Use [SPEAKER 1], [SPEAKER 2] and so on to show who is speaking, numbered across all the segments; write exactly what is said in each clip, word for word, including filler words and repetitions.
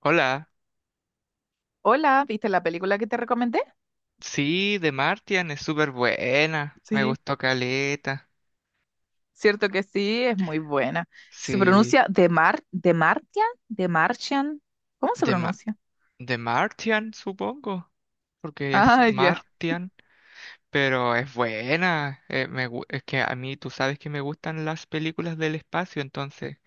[SPEAKER 1] Hola,
[SPEAKER 2] Hola, ¿viste la película que te recomendé?
[SPEAKER 1] sí, de Martian es súper buena, me
[SPEAKER 2] Sí,
[SPEAKER 1] gustó caleta.
[SPEAKER 2] cierto que sí, es muy buena. Se
[SPEAKER 1] Sí,
[SPEAKER 2] pronuncia The Mar, The Martian, The Martian. ¿Cómo se
[SPEAKER 1] de, Ma-
[SPEAKER 2] pronuncia?
[SPEAKER 1] de Martian supongo, porque es
[SPEAKER 2] Ah, ya,
[SPEAKER 1] Martian, pero es buena. eh, me gu- es que a mí tú sabes que me gustan las películas del espacio, entonces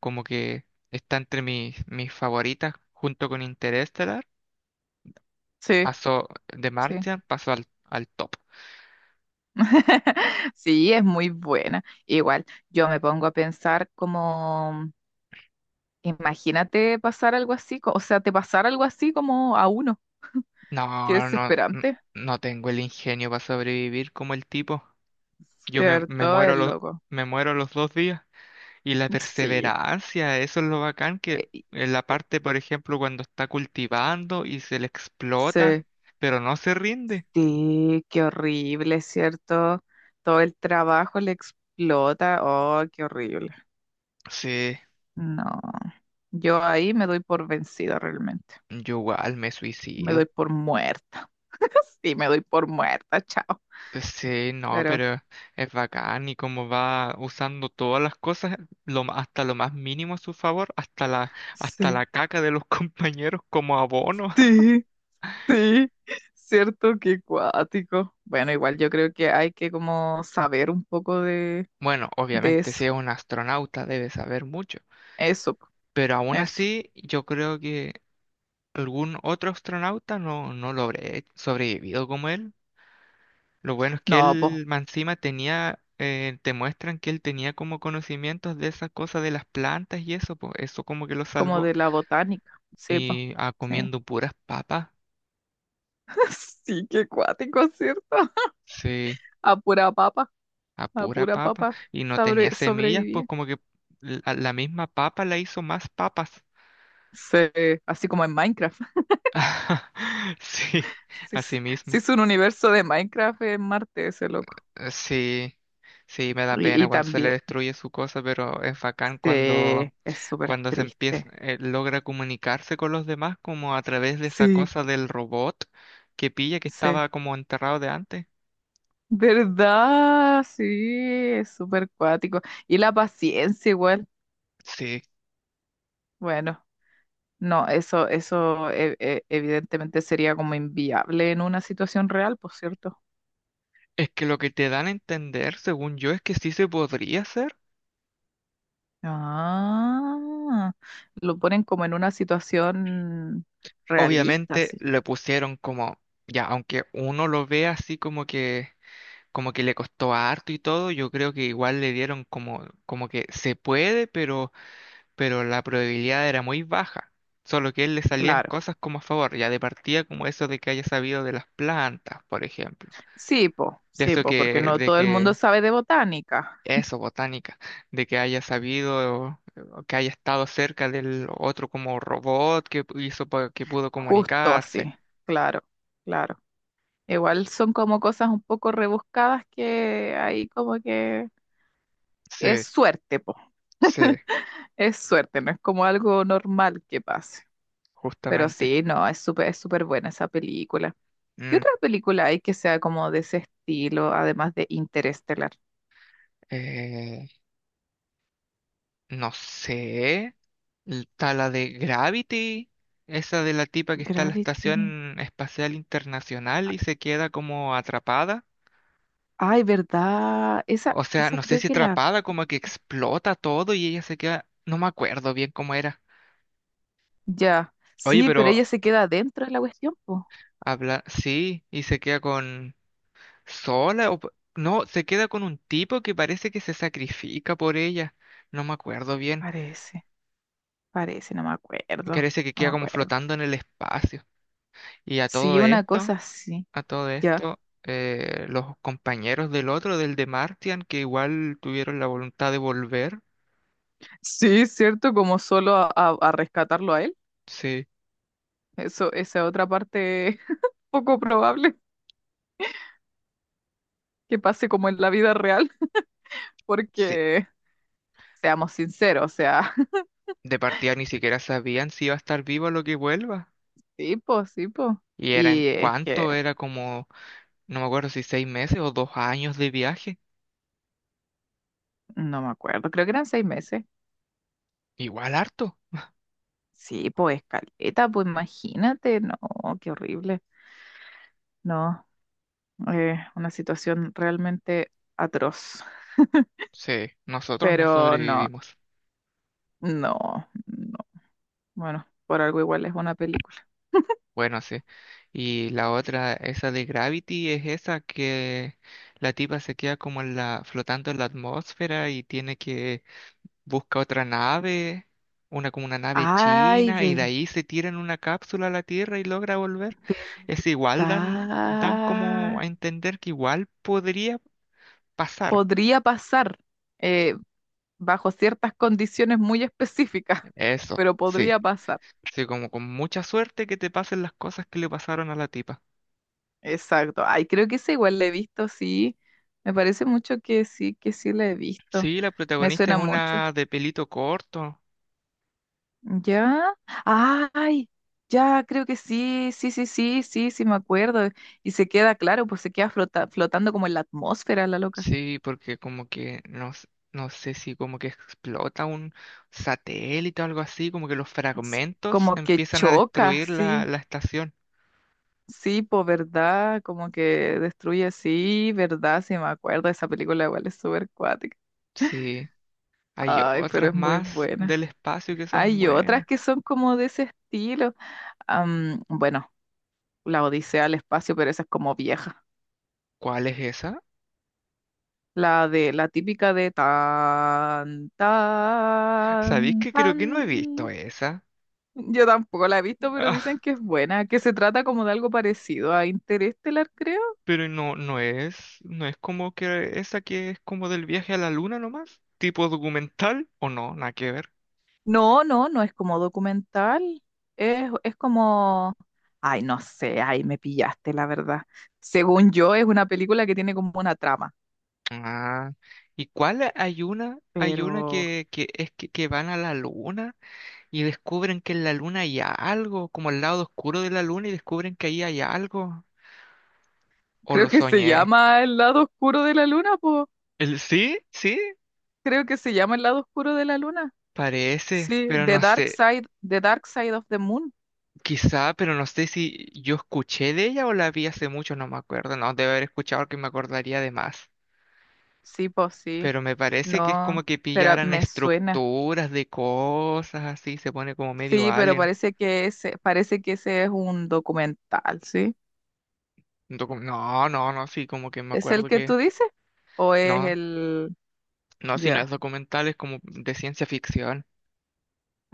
[SPEAKER 1] como que está entre mis, mis favoritas junto con Interestelar.
[SPEAKER 2] sí,
[SPEAKER 1] Pasó de
[SPEAKER 2] sí.
[SPEAKER 1] Martian, pasó al, al top.
[SPEAKER 2] Sí, es muy buena. Igual, yo me pongo a pensar como, imagínate pasar algo así, co- o sea, te pasar algo así como a uno, qué
[SPEAKER 1] No, no, n-
[SPEAKER 2] desesperante.
[SPEAKER 1] no tengo el ingenio para sobrevivir como el tipo. Yo me, me
[SPEAKER 2] Cierto,
[SPEAKER 1] muero
[SPEAKER 2] es
[SPEAKER 1] los,
[SPEAKER 2] loco.
[SPEAKER 1] me muero los dos días. Y la
[SPEAKER 2] Sí.
[SPEAKER 1] perseverancia, eso es lo bacán que
[SPEAKER 2] Eh,
[SPEAKER 1] en la
[SPEAKER 2] eh,
[SPEAKER 1] parte, por ejemplo, cuando está cultivando y se le explota,
[SPEAKER 2] Sí.
[SPEAKER 1] pero no se rinde.
[SPEAKER 2] Sí, qué horrible, ¿cierto? Todo el trabajo le explota. Oh, qué horrible.
[SPEAKER 1] Sí,
[SPEAKER 2] No, yo ahí me doy por vencida realmente.
[SPEAKER 1] yo igual me
[SPEAKER 2] Me
[SPEAKER 1] suicido.
[SPEAKER 2] doy por muerta. Sí, me doy por muerta, chao.
[SPEAKER 1] Sí, no,
[SPEAKER 2] Pero
[SPEAKER 1] pero es bacán y cómo va usando todas las cosas, lo, ma- hasta lo más mínimo a su favor, hasta la, hasta
[SPEAKER 2] sí,
[SPEAKER 1] la caca de los compañeros como abono.
[SPEAKER 2] sí, sí, cierto que cuático. Bueno, igual yo creo que hay que como saber un poco de,
[SPEAKER 1] Bueno,
[SPEAKER 2] de
[SPEAKER 1] obviamente si
[SPEAKER 2] eso.
[SPEAKER 1] es un astronauta debe saber mucho.
[SPEAKER 2] Eso, po,
[SPEAKER 1] Pero aún
[SPEAKER 2] eso.
[SPEAKER 1] así, yo creo que algún otro astronauta no, no lo habré sobrevivido como él. Lo bueno es que
[SPEAKER 2] No, pues,
[SPEAKER 1] él, más encima, tenía, eh, te muestran que él tenía como conocimientos de esas cosas de las plantas y eso, pues eso como que lo
[SPEAKER 2] como
[SPEAKER 1] salvó.
[SPEAKER 2] de la botánica. Sí, pues.
[SPEAKER 1] Y ah, comiendo puras papas,
[SPEAKER 2] Sí, qué cuático, ¿cierto?
[SPEAKER 1] sí,
[SPEAKER 2] A pura papa,
[SPEAKER 1] a
[SPEAKER 2] a
[SPEAKER 1] pura
[SPEAKER 2] pura
[SPEAKER 1] papa.
[SPEAKER 2] papa
[SPEAKER 1] Y no
[SPEAKER 2] sobre,
[SPEAKER 1] tenía semillas, pues
[SPEAKER 2] sobrevivía.
[SPEAKER 1] como que la, la misma papa la hizo más papas.
[SPEAKER 2] Sí, así como en Minecraft.
[SPEAKER 1] Sí,
[SPEAKER 2] Sí,
[SPEAKER 1] así
[SPEAKER 2] es sí
[SPEAKER 1] mismo.
[SPEAKER 2] es un universo de Minecraft en Marte, ese loco.
[SPEAKER 1] Eh, Sí, sí, me da
[SPEAKER 2] Y,
[SPEAKER 1] pena
[SPEAKER 2] y
[SPEAKER 1] cuando se le
[SPEAKER 2] también,
[SPEAKER 1] destruye su cosa, pero es bacán cuando,
[SPEAKER 2] sí, es súper
[SPEAKER 1] cuando se empieza,
[SPEAKER 2] triste.
[SPEAKER 1] eh, logra comunicarse con los demás como a través de esa
[SPEAKER 2] Sí,
[SPEAKER 1] cosa del robot que pilla que
[SPEAKER 2] sí.
[SPEAKER 1] estaba como enterrado de antes.
[SPEAKER 2] ¿Verdad? Sí, es súper cuático. Y la paciencia igual.
[SPEAKER 1] Sí,
[SPEAKER 2] Bueno, no, eso, eso e- e- evidentemente sería como inviable en una situación real, por cierto.
[SPEAKER 1] es que lo que te dan a entender, según yo, es que sí se podría hacer.
[SPEAKER 2] Ah, lo ponen como en una situación realista,
[SPEAKER 1] Obviamente
[SPEAKER 2] sí,
[SPEAKER 1] le pusieron como, ya, aunque uno lo ve así como que, como que le costó harto y todo, yo creo que igual le dieron como, como que se puede, pero pero la probabilidad era muy baja. Solo que a él le salían
[SPEAKER 2] claro.
[SPEAKER 1] cosas como a favor, ya de partida como eso de que haya sabido de las plantas, por ejemplo.
[SPEAKER 2] Sí, po,
[SPEAKER 1] De
[SPEAKER 2] sí,
[SPEAKER 1] eso
[SPEAKER 2] po, porque
[SPEAKER 1] que,
[SPEAKER 2] no
[SPEAKER 1] de
[SPEAKER 2] todo el mundo
[SPEAKER 1] que,
[SPEAKER 2] sabe de botánica,
[SPEAKER 1] eso, botánica, de que haya sabido, o que haya estado cerca del otro como robot que pu- hizo pa- que pudo
[SPEAKER 2] justo
[SPEAKER 1] comunicarse.
[SPEAKER 2] así, claro, claro. Igual son como cosas un poco rebuscadas que ahí como que es
[SPEAKER 1] Sí,
[SPEAKER 2] suerte, po,
[SPEAKER 1] sí,
[SPEAKER 2] es suerte, no es como algo normal que pase. Pero
[SPEAKER 1] justamente.
[SPEAKER 2] sí, no, es súper, es súper buena esa película. ¿Qué
[SPEAKER 1] Mm,
[SPEAKER 2] otra película hay que sea como de ese estilo, además de Interestelar?
[SPEAKER 1] eh, no sé. Está la de Gravity, esa de la tipa que está en la
[SPEAKER 2] Gravity.
[SPEAKER 1] Estación Espacial Internacional y se queda como atrapada.
[SPEAKER 2] Ay, ¿verdad? Esa,
[SPEAKER 1] O sea,
[SPEAKER 2] esa
[SPEAKER 1] no sé
[SPEAKER 2] creo
[SPEAKER 1] si
[SPEAKER 2] que la...
[SPEAKER 1] atrapada, como que explota todo y ella se queda. No me acuerdo bien cómo era.
[SPEAKER 2] Ya.
[SPEAKER 1] Oye,
[SPEAKER 2] Sí, pero
[SPEAKER 1] pero
[SPEAKER 2] ella se queda dentro de la cuestión, po.
[SPEAKER 1] habla. Sí, y se queda con. Sola o. P- no, se queda con un tipo que parece que se sacrifica por ella. No me acuerdo bien.
[SPEAKER 2] Parece, parece, no me acuerdo.
[SPEAKER 1] Parece que
[SPEAKER 2] No me
[SPEAKER 1] queda como
[SPEAKER 2] acuerdo.
[SPEAKER 1] flotando en el espacio. Y a
[SPEAKER 2] Sí,
[SPEAKER 1] todo
[SPEAKER 2] una cosa
[SPEAKER 1] esto.
[SPEAKER 2] así.
[SPEAKER 1] A todo
[SPEAKER 2] Ya.
[SPEAKER 1] esto, eh, los compañeros del otro, del de Martian, que igual tuvieron la voluntad de volver,
[SPEAKER 2] Sí, cierto, como solo a, a- a rescatarlo a él.
[SPEAKER 1] sí,
[SPEAKER 2] Eso, esa otra parte poco probable que pase como en la vida real,
[SPEAKER 1] sí,
[SPEAKER 2] porque seamos sinceros, o sea,
[SPEAKER 1] de partida ni siquiera sabían si iba a estar vivo a lo que vuelva.
[SPEAKER 2] sí, po, sí, po.
[SPEAKER 1] Y eran,
[SPEAKER 2] Y es que
[SPEAKER 1] ¿cuánto? Era como, no me acuerdo si seis meses o dos años de viaje.
[SPEAKER 2] no me acuerdo, creo que eran seis meses.
[SPEAKER 1] Igual harto.
[SPEAKER 2] Sí, pues caleta, pues imagínate, no, qué horrible. No, eh, una situación realmente atroz.
[SPEAKER 1] Sí, nosotros no
[SPEAKER 2] Pero no,
[SPEAKER 1] sobrevivimos.
[SPEAKER 2] no, no. Bueno, por algo igual es una película.
[SPEAKER 1] Bueno, sí. Y la otra, esa de Gravity, es esa que la tipa se queda como en la, flotando en la atmósfera y tiene que busca otra nave, una como una nave
[SPEAKER 2] Ay,
[SPEAKER 1] china, y de
[SPEAKER 2] ver-
[SPEAKER 1] ahí se tira en una cápsula a la Tierra y logra volver. Es igual, dan, dan como
[SPEAKER 2] verdad.
[SPEAKER 1] a entender que igual podría pasar.
[SPEAKER 2] Podría pasar eh, bajo ciertas condiciones muy específicas,
[SPEAKER 1] Eso,
[SPEAKER 2] pero
[SPEAKER 1] sí.
[SPEAKER 2] podría pasar.
[SPEAKER 1] Sí, como con mucha suerte que te pasen las cosas que le pasaron a la tipa.
[SPEAKER 2] Exacto. Ay, creo que esa igual la he visto, sí. Me parece mucho que sí, que sí la he visto.
[SPEAKER 1] Sí, la
[SPEAKER 2] Me
[SPEAKER 1] protagonista es
[SPEAKER 2] suena mucho.
[SPEAKER 1] una de pelito corto.
[SPEAKER 2] ¿Ya? ¡Ay! Ya, creo que sí, sí, sí, sí, sí, sí, me acuerdo. Y se queda, claro, pues se queda flota- flotando como en la atmósfera, la loca.
[SPEAKER 1] Sí, porque como que no, s- no sé si como que explota un satélite o algo así, como que los
[SPEAKER 2] S-
[SPEAKER 1] fragmentos
[SPEAKER 2] Como que
[SPEAKER 1] empiezan a
[SPEAKER 2] choca,
[SPEAKER 1] destruir la,
[SPEAKER 2] sí,
[SPEAKER 1] la estación.
[SPEAKER 2] sí, pues verdad, como que destruye, sí, verdad, sí, me acuerdo. Esa película igual es súper cuática.
[SPEAKER 1] Sí, hay
[SPEAKER 2] Ay, pero
[SPEAKER 1] otras
[SPEAKER 2] es muy
[SPEAKER 1] más
[SPEAKER 2] buena.
[SPEAKER 1] del espacio que son
[SPEAKER 2] Hay otras
[SPEAKER 1] buenas.
[SPEAKER 2] que son como de ese estilo. Am, bueno, La Odisea al espacio, pero esa es como vieja.
[SPEAKER 1] ¿Cuál es esa?
[SPEAKER 2] La de la típica de tan,
[SPEAKER 1] ¿Sabéis
[SPEAKER 2] tan,
[SPEAKER 1] que creo que no he visto
[SPEAKER 2] tan.
[SPEAKER 1] esa?
[SPEAKER 2] Yo tampoco la he visto, pero dicen
[SPEAKER 1] Ah,
[SPEAKER 2] que es buena, que se trata como de algo parecido a Interestelar, creo.
[SPEAKER 1] pero no, no es, no es como que esa que es como del viaje a la luna nomás, tipo documental o no, nada que ver.
[SPEAKER 2] No, no, no es como documental. Es, es como. Ay, no sé, ay, me pillaste, la verdad. Según yo, es una película que tiene como una trama,
[SPEAKER 1] Ah, ¿y cuál hay una? Hay una
[SPEAKER 2] pero
[SPEAKER 1] que, que es que, que van a la luna y descubren que en la luna hay algo, como el lado oscuro de la luna y descubren que ahí hay algo. ¿O
[SPEAKER 2] creo
[SPEAKER 1] lo
[SPEAKER 2] que se
[SPEAKER 1] soñé?
[SPEAKER 2] llama El lado oscuro de la luna, pues.
[SPEAKER 1] ¿El sí? ¿Sí?
[SPEAKER 2] Creo que se llama El lado oscuro de la luna.
[SPEAKER 1] Parece,
[SPEAKER 2] Sí,
[SPEAKER 1] pero
[SPEAKER 2] The
[SPEAKER 1] no
[SPEAKER 2] Dark
[SPEAKER 1] sé,
[SPEAKER 2] Side, The Dark Side of the Moon.
[SPEAKER 1] quizá, pero no sé si yo escuché de ella o la vi hace mucho, no me acuerdo, no, debe haber escuchado porque me acordaría de más.
[SPEAKER 2] Sí, pues sí.
[SPEAKER 1] Pero me parece que es
[SPEAKER 2] No,
[SPEAKER 1] como que
[SPEAKER 2] pero
[SPEAKER 1] pillaran
[SPEAKER 2] me suena.
[SPEAKER 1] estructuras de cosas así, se pone como medio
[SPEAKER 2] Sí, pero
[SPEAKER 1] alien.
[SPEAKER 2] parece que ese, parece que ese es un documental, ¿sí?
[SPEAKER 1] Un Docu- no, no, no, sí, como que me
[SPEAKER 2] ¿Es el
[SPEAKER 1] acuerdo
[SPEAKER 2] que
[SPEAKER 1] que
[SPEAKER 2] tú dices? ¿O es
[SPEAKER 1] no,
[SPEAKER 2] el...?
[SPEAKER 1] no, si no es
[SPEAKER 2] Ya.
[SPEAKER 1] documental, es como de ciencia ficción,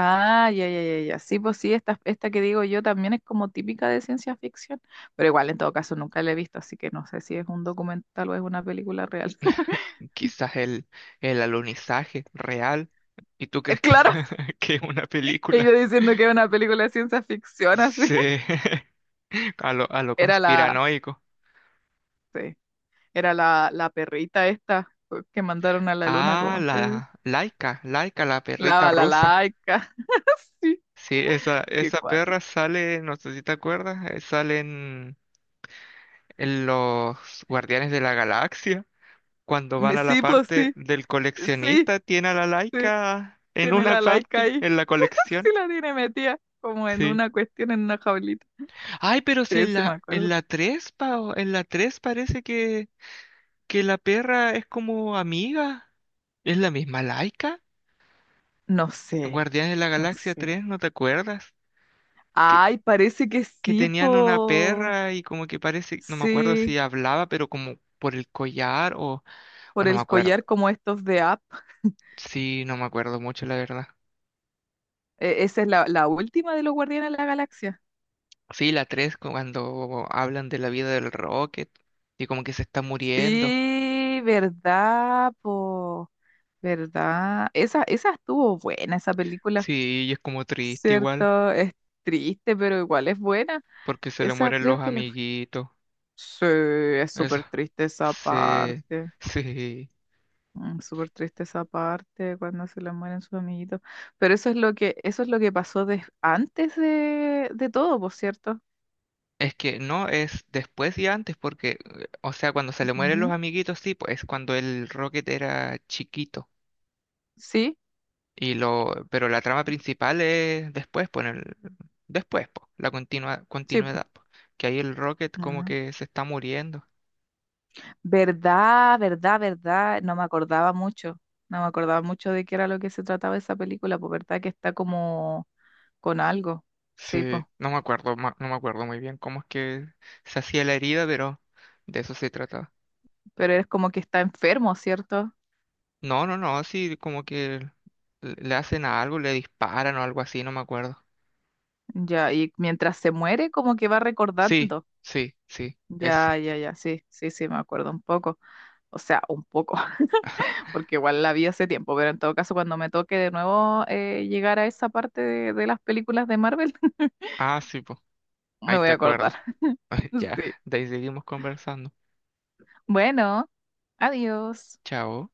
[SPEAKER 2] Ah, ya, ya, ya, ya. Sí, pues sí, esta, esta que digo yo también es como típica de ciencia ficción, pero igual en todo caso nunca la he visto, así que no sé si es un documental o es una película real.
[SPEAKER 1] quizás el, el alunizaje real. ¿Y tú
[SPEAKER 2] Eh,
[SPEAKER 1] crees que,
[SPEAKER 2] Claro,
[SPEAKER 1] que es una
[SPEAKER 2] y
[SPEAKER 1] película?
[SPEAKER 2] yo diciendo que es una película de ciencia ficción, así.
[SPEAKER 1] Sí. A lo, a lo
[SPEAKER 2] Era la...
[SPEAKER 1] conspiranoico.
[SPEAKER 2] sí. Era la, la perrita esta pues, que mandaron a la luna,
[SPEAKER 1] Ah,
[SPEAKER 2] ¿cómo es
[SPEAKER 1] la
[SPEAKER 2] que se
[SPEAKER 1] Laika, Laika, la
[SPEAKER 2] La
[SPEAKER 1] perrita rusa.
[SPEAKER 2] balalaica. Sí,
[SPEAKER 1] Sí, esa,
[SPEAKER 2] qué
[SPEAKER 1] esa perra
[SPEAKER 2] cuático.
[SPEAKER 1] sale, no sé si te acuerdas, eh, sale en, en los Guardianes de la Galaxia. Cuando van
[SPEAKER 2] Me-
[SPEAKER 1] a la
[SPEAKER 2] Sí, pues
[SPEAKER 1] parte
[SPEAKER 2] sí,
[SPEAKER 1] del
[SPEAKER 2] sí,
[SPEAKER 1] coleccionista, tiene a la
[SPEAKER 2] sí,
[SPEAKER 1] Laika en
[SPEAKER 2] tiene
[SPEAKER 1] una
[SPEAKER 2] la laica
[SPEAKER 1] parte,
[SPEAKER 2] ahí.
[SPEAKER 1] en la
[SPEAKER 2] Sí
[SPEAKER 1] colección.
[SPEAKER 2] la tiene metida, como en
[SPEAKER 1] Sí.
[SPEAKER 2] una cuestión, en una jaulita.
[SPEAKER 1] Ay, pero
[SPEAKER 2] Sí,
[SPEAKER 1] si en
[SPEAKER 2] sí, me
[SPEAKER 1] la, en
[SPEAKER 2] acuerdo.
[SPEAKER 1] la tres, Pao, en la tres parece que, que la perra es como amiga. ¿Es la misma Laika?
[SPEAKER 2] No sé,
[SPEAKER 1] Guardianes de la
[SPEAKER 2] no
[SPEAKER 1] Galaxia
[SPEAKER 2] sé.
[SPEAKER 1] tres, ¿no te acuerdas? Que,
[SPEAKER 2] Ay, parece que
[SPEAKER 1] que
[SPEAKER 2] sí,
[SPEAKER 1] tenían una
[SPEAKER 2] po.
[SPEAKER 1] perra y como que parece, no me acuerdo
[SPEAKER 2] Sí,
[SPEAKER 1] si hablaba, pero como por el collar o, o
[SPEAKER 2] por
[SPEAKER 1] no me
[SPEAKER 2] el
[SPEAKER 1] acuerdo.
[SPEAKER 2] collar como estos de App.
[SPEAKER 1] Sí, no me acuerdo mucho, la verdad.
[SPEAKER 2] E- esa es la, la última de los Guardianes de la Galaxia.
[SPEAKER 1] Sí, la tres cuando hablan de la vida del Rocket y como que se está muriendo.
[SPEAKER 2] Sí, verdad, po, verdad. Esa, esa estuvo buena, esa película,
[SPEAKER 1] Sí, y es como triste igual,
[SPEAKER 2] ¿cierto? Es triste, pero igual es buena.
[SPEAKER 1] porque se le
[SPEAKER 2] Esa
[SPEAKER 1] mueren
[SPEAKER 2] creo
[SPEAKER 1] los
[SPEAKER 2] que la...
[SPEAKER 1] amiguitos.
[SPEAKER 2] Sí, es
[SPEAKER 1] Eso.
[SPEAKER 2] súper triste esa
[SPEAKER 1] Sí,
[SPEAKER 2] parte.
[SPEAKER 1] sí.
[SPEAKER 2] Mm, súper triste esa parte cuando se le mueren sus amiguitos. Pero eso es lo que, eso es lo que pasó des- antes de, de todo, por cierto.
[SPEAKER 1] Es que no es después y antes, porque, eh, o sea, cuando se le mueren los
[SPEAKER 2] ¿Ya?
[SPEAKER 1] amiguitos, sí, pues es cuando el Rocket era chiquito.
[SPEAKER 2] Sí,
[SPEAKER 1] Y lo, pero la trama principal es después, pues, en el- después, pues, la continua,
[SPEAKER 2] sí, po.
[SPEAKER 1] continuidad, pues, que ahí el Rocket como que se está muriendo.
[SPEAKER 2] Verdad, verdad, verdad. No me acordaba mucho. No me acordaba mucho de qué era lo que se trataba esa película, pues verdad que está como con algo. Sí, pues.
[SPEAKER 1] Sí, no me acuerdo, ma- no me acuerdo muy bien cómo es que se hacía la herida, pero de eso se trataba.
[SPEAKER 2] Pero es como que está enfermo, ¿cierto?
[SPEAKER 1] No, no, no, sí, como que le le hacen a algo, le disparan o algo así, no me acuerdo.
[SPEAKER 2] Ya, y mientras se muere, como que va
[SPEAKER 1] Sí,
[SPEAKER 2] recordando.
[SPEAKER 1] sí, sí, eso.
[SPEAKER 2] Ya, ya, ya, sí, sí, sí, me acuerdo un poco. O sea, un poco, porque igual la vi hace tiempo, pero en todo caso, cuando me toque de nuevo eh, llegar a esa parte de, de las películas de Marvel,
[SPEAKER 1] Ah, sí, pues,
[SPEAKER 2] me
[SPEAKER 1] ahí
[SPEAKER 2] voy
[SPEAKER 1] te
[SPEAKER 2] a acordar.
[SPEAKER 1] acuerdas. Ya,
[SPEAKER 2] Sí.
[SPEAKER 1] de ahí seguimos conversando.
[SPEAKER 2] Bueno, adiós.
[SPEAKER 1] Chao.